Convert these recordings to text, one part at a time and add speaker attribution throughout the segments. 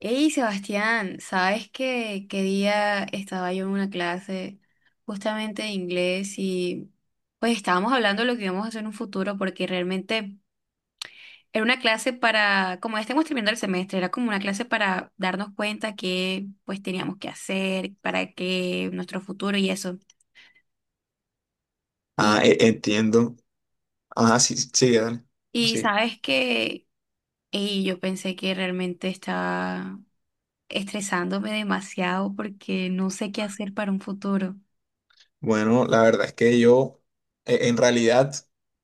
Speaker 1: Hey Sebastián, ¿sabes qué, qué día estaba yo en una clase justamente de inglés y pues estábamos hablando de lo que íbamos a hacer en un futuro porque realmente era una clase para, como ya estamos terminando el semestre, era como una clase para darnos cuenta que pues teníamos que hacer, para que nuestro futuro y eso. Y,
Speaker 2: Entiendo. Ah, sí, sí, sigue, dale. Pues
Speaker 1: y
Speaker 2: sí.
Speaker 1: sabes que ey, yo pensé que realmente estaba estresándome demasiado porque no sé qué hacer para un futuro.
Speaker 2: Bueno, la verdad es que en realidad,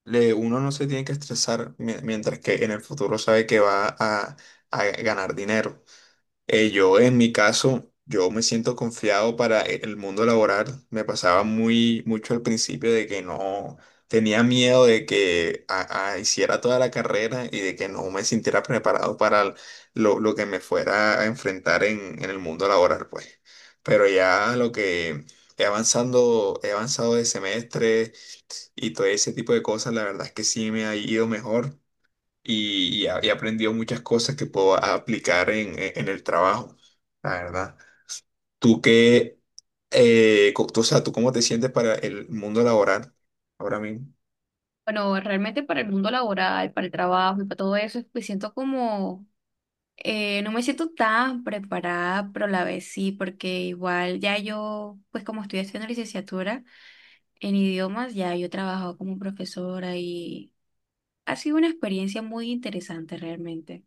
Speaker 2: uno no se tiene que estresar mientras que en el futuro sabe que a ganar dinero. En mi caso, yo me siento confiado para el mundo laboral. Me pasaba muy mucho al principio de que no tenía miedo de que hiciera toda la carrera y de que no me sintiera preparado para lo que me fuera a enfrentar en el mundo laboral, pues. Pero ya lo que he avanzado de semestre y todo ese tipo de cosas, la verdad es que sí me ha ido mejor y he aprendido muchas cosas que puedo aplicar en el trabajo, la verdad. ¿Tú qué, o sea, tú cómo te sientes para el mundo laboral ahora mismo?
Speaker 1: Bueno, realmente para el mundo laboral, para el trabajo y para todo eso, me siento como, no me siento tan preparada, pero a la vez sí, porque igual ya yo, pues como estoy haciendo licenciatura en idiomas, ya yo he trabajado como profesora y ha sido una experiencia muy interesante realmente.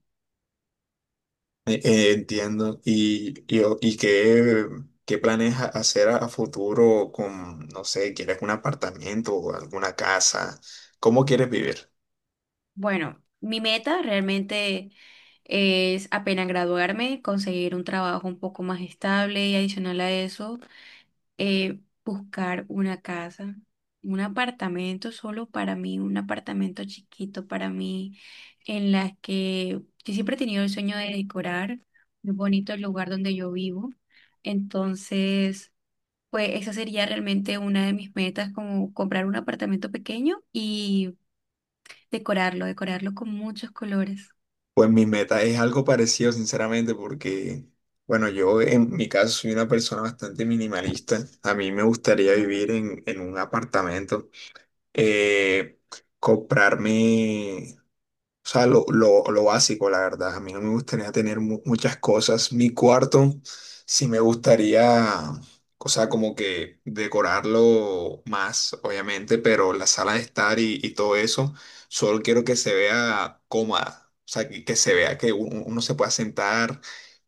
Speaker 2: Entiendo. Y qué, qué planes hacer a futuro con, no sé, quieres un apartamento o alguna casa? ¿Cómo quieres vivir?
Speaker 1: Bueno, mi meta realmente es apenas graduarme, conseguir un trabajo un poco más estable y adicional a eso buscar una casa, un apartamento solo para mí, un apartamento chiquito para mí, en las que yo siempre he tenido el sueño de decorar muy bonito el lugar donde yo vivo. Entonces, pues esa sería realmente una de mis metas, como comprar un apartamento pequeño y decorarlo, decorarlo con muchos colores.
Speaker 2: Pues mi meta es algo parecido, sinceramente, porque, bueno, yo en mi caso soy una persona bastante minimalista. A mí me gustaría vivir en un apartamento, eh, comprarme, o sea, lo básico, la verdad. A mí no me gustaría tener muchas cosas. Mi cuarto sí me gustaría, o sea, como que decorarlo más, obviamente, pero la sala de estar y todo eso, solo quiero que se vea cómoda. O sea, que se vea que uno se pueda sentar,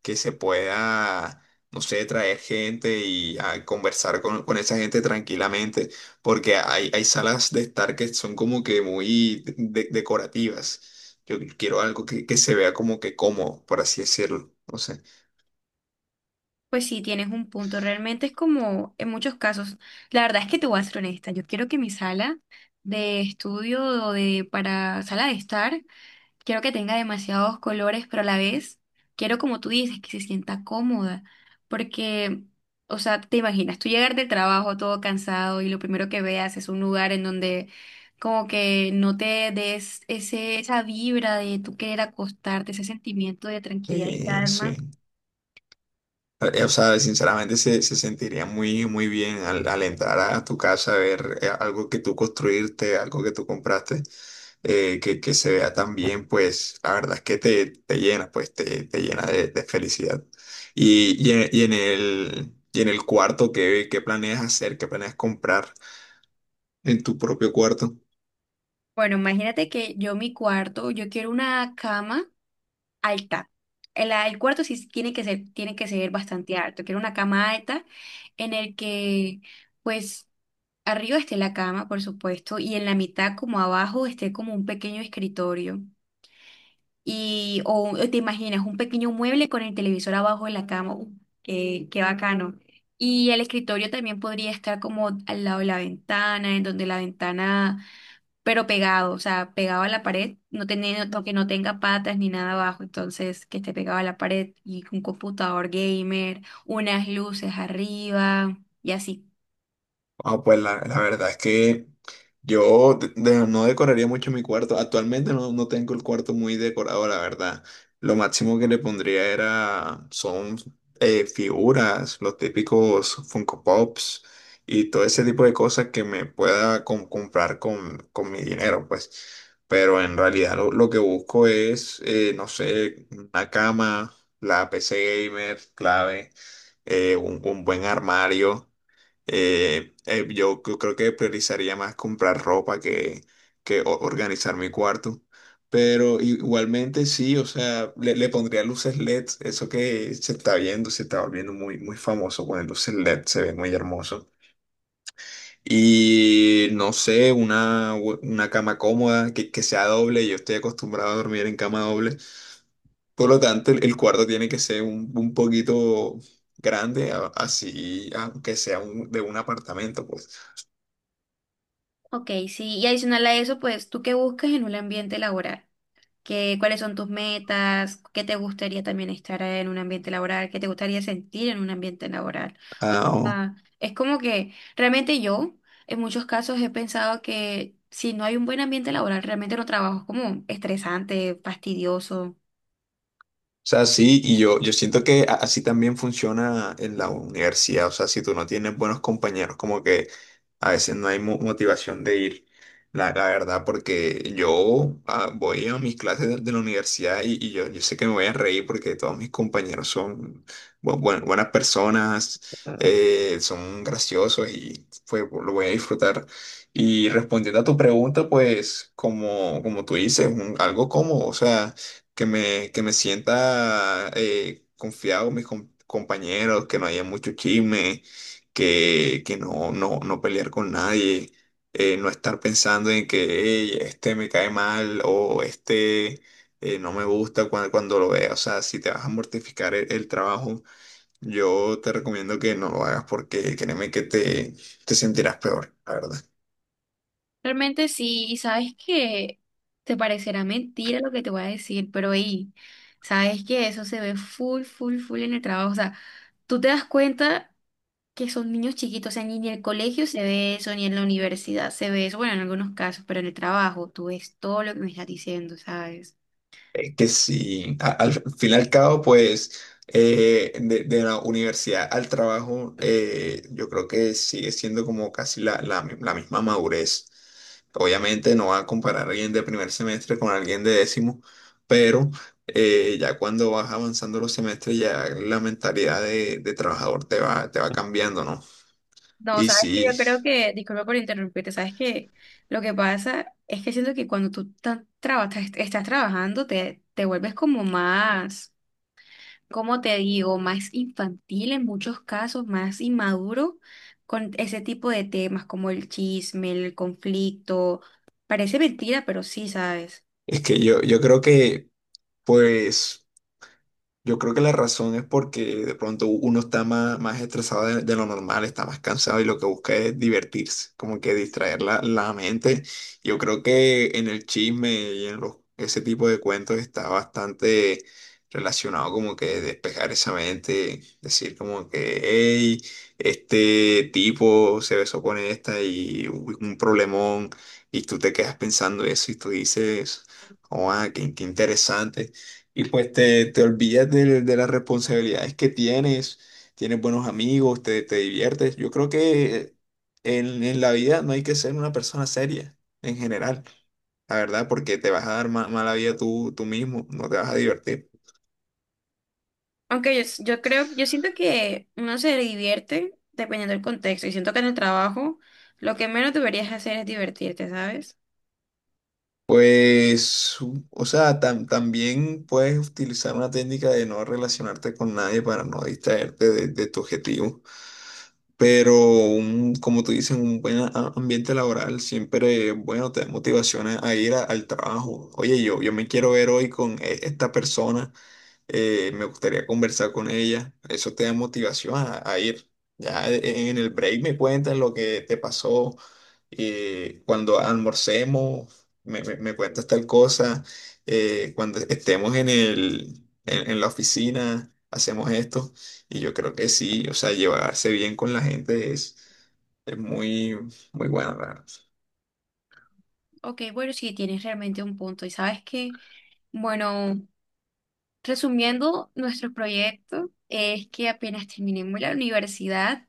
Speaker 2: que se pueda, no sé, traer gente y ah, conversar con esa gente tranquilamente porque hay salas de estar que son como que muy decorativas. Yo quiero algo que se vea como que cómodo, por así decirlo. No sé.
Speaker 1: Pues sí, tienes un punto. Realmente es como en muchos casos. La verdad es que te voy a ser honesta. Yo quiero que mi sala de estudio o de para sala de estar, quiero que tenga demasiados colores, pero a la vez quiero, como tú dices, que se sienta cómoda. Porque, o sea, te imaginas, tú llegar del trabajo todo cansado y lo primero que veas es un lugar en donde como que no te des ese, esa vibra de tú querer acostarte, ese sentimiento de tranquilidad y
Speaker 2: Sí, sí.
Speaker 1: calma.
Speaker 2: O sea, sinceramente se sentiría muy, muy bien al entrar a tu casa a ver, algo que tú construirte, algo que tú compraste, que se vea tan bien, pues la verdad es que te llena, pues te llena de felicidad. Y en el cuarto, ¿qué, qué planeas hacer? ¿Qué planeas comprar en tu propio cuarto?
Speaker 1: Bueno, imagínate que yo mi cuarto, yo quiero una cama alta. El cuarto sí tiene que ser bastante alto. Quiero una cama alta en el que, pues, arriba esté la cama, por supuesto, y en la mitad, como abajo, esté como un pequeño escritorio. Y, o te imaginas, un pequeño mueble con el televisor abajo de la cama. Qué, qué bacano. Y el escritorio también podría estar como al lado de la ventana, en donde la ventana pero pegado, o sea, pegado a la pared, no teniendo, que no tenga patas ni nada abajo, entonces que esté pegado a la pared y un computador gamer, unas luces arriba y así.
Speaker 2: Ah, pues la verdad es que yo no decoraría mucho mi cuarto. Actualmente no tengo el cuarto muy decorado, la verdad. Lo máximo que le pondría era, son figuras, los típicos Funko Pops y todo ese tipo de cosas que me pueda comprar con mi dinero, pues. Pero en realidad lo que busco es, no sé, una cama, la PC gamer, clave, un buen armario. Yo creo que priorizaría más comprar ropa que organizar mi cuarto. Pero igualmente sí, o sea, le pondría luces LED, eso que se está viendo, se está volviendo muy, muy famoso con el luces LED, se ve muy hermoso. Y no sé, una cama cómoda que sea doble. Yo estoy acostumbrado a dormir en cama doble, por lo tanto el cuarto tiene que ser un poquito grande, así, aunque sea de un apartamento, pues.
Speaker 1: Ok, sí, y adicional a eso, pues, ¿tú qué buscas en un ambiente laboral? Que- ¿cuáles son tus metas, qué te gustaría también estar en un ambiente laboral, qué te gustaría sentir en un ambiente laboral? O
Speaker 2: O
Speaker 1: sea, es como que realmente yo en muchos casos he pensado que si no hay un buen ambiente laboral, realmente no trabajo, es como estresante, fastidioso.
Speaker 2: sea, sí, y yo siento que así también funciona en la universidad, o sea, si tú no tienes buenos compañeros, como que a veces no hay motivación de ir, la verdad, porque yo ah, voy a mis clases de la universidad yo sé que me voy a reír porque todos mis compañeros son buenas personas, son graciosos y pues lo voy a disfrutar. Y respondiendo a tu pregunta, pues como, como tú dices, un- algo como, o sea... que me sienta confiado con mis compañeros, que no haya mucho chisme, que no, no, no pelear con nadie, no estar pensando en que "Ey, este me cae mal o este no me gusta cuando, cuando lo vea. O sea, si te vas a mortificar el trabajo, yo te recomiendo que no lo hagas porque créeme que te sentirás peor, la verdad.
Speaker 1: Realmente sí, y sabes que te parecerá mentira lo que te voy a decir, pero ahí, sabes que eso se ve full, full, full en el trabajo. O sea, tú te das cuenta. Que son niños chiquitos, o sea, ni en el colegio se ve eso, ni en la universidad se ve eso, bueno, en algunos casos, pero en el trabajo tú ves todo lo que me estás diciendo, ¿sabes?
Speaker 2: Es que sí, al fin y al cabo, pues de la universidad al trabajo, yo creo que sigue siendo como casi la misma madurez. Obviamente no va a comparar a alguien de primer semestre con alguien de décimo, pero ya cuando vas avanzando los semestres, ya la mentalidad de trabajador te va cambiando, ¿no?
Speaker 1: No,
Speaker 2: Y
Speaker 1: sabes que
Speaker 2: sí,
Speaker 1: yo creo que, disculpa por interrumpirte, sabes que lo que pasa es que siento que cuando tú estás trabajando te, te vuelves como más, ¿cómo te digo? Más infantil en muchos casos, más inmaduro con ese tipo de temas como el chisme, el conflicto. Parece mentira, pero sí, ¿sabes?
Speaker 2: es que yo creo que, pues. Yo creo que la razón es porque de pronto uno está más, más estresado de lo normal, está más cansado y lo que busca es divertirse, como que distraer la mente. Yo creo que en el chisme y en los, ese tipo de cuentos está bastante relacionado como que despejar esa mente, decir como que, hey, este tipo se besó con esta y hubo un problemón y tú te quedas pensando eso y tú dices, oh, ah, qué qué interesante. Y pues te olvidas de las responsabilidades que tienes, tienes buenos amigos, te diviertes. Yo creo que en la vida no hay que ser una persona seria en general, la verdad, porque te vas a dar mala vida tú, tú mismo, no te vas a divertir.
Speaker 1: Aunque yo, yo creo, yo siento que uno se divierte dependiendo del contexto y siento que en el trabajo lo que menos deberías hacer es divertirte, ¿sabes?
Speaker 2: Pues, o sea, también puedes utilizar una técnica de no relacionarte con nadie para no distraerte de tu objetivo. Pero un, como tú dices, un buen ambiente laboral siempre, bueno, te da motivaciones a ir al trabajo. Oye, yo me quiero ver hoy con esta persona me gustaría conversar con ella. Eso te da motivación a ir. Ya en el break me cuentas lo que te pasó. Eh, cuando almorcemos, me cuentas tal cosa. Eh, cuando estemos en la oficina, hacemos esto. Y yo creo que sí, o sea, llevarse bien con la gente es muy, muy bueno.
Speaker 1: Ok, bueno, sí, tienes realmente un punto. Y sabes que, bueno, resumiendo nuestro proyecto, es que apenas terminemos la universidad,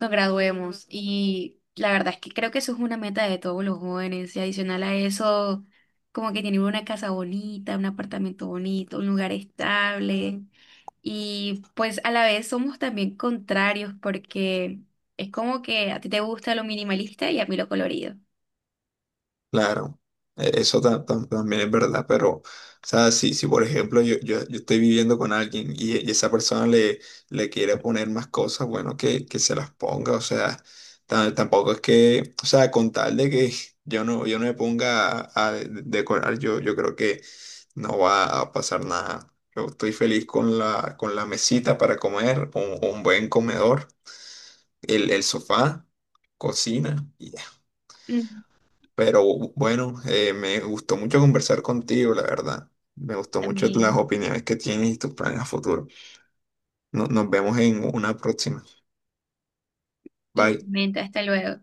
Speaker 1: nos graduemos y la verdad es que creo que eso es una meta de todos los jóvenes y adicional a eso, como que tener una casa bonita, un apartamento bonito, un lugar estable. Y pues a la vez somos también contrarios porque es como que a ti te gusta lo minimalista y a mí lo colorido.
Speaker 2: Claro, eso también es verdad, pero, o sea, si, si por ejemplo yo estoy viviendo con alguien y esa persona le quiere poner más cosas, bueno, que se las ponga, o sea, tampoco es que, o sea, con tal de que yo no me ponga a decorar, yo creo que no va a pasar nada. Yo estoy feliz con la mesita para comer, un buen comedor, el sofá, cocina.
Speaker 1: Mm,
Speaker 2: Pero bueno, me gustó mucho conversar contigo, la verdad. Me gustó mucho las
Speaker 1: también.
Speaker 2: opiniones que tienes y tus planes a futuro. Nos vemos en una próxima. Bye.
Speaker 1: Igualmente, hasta luego.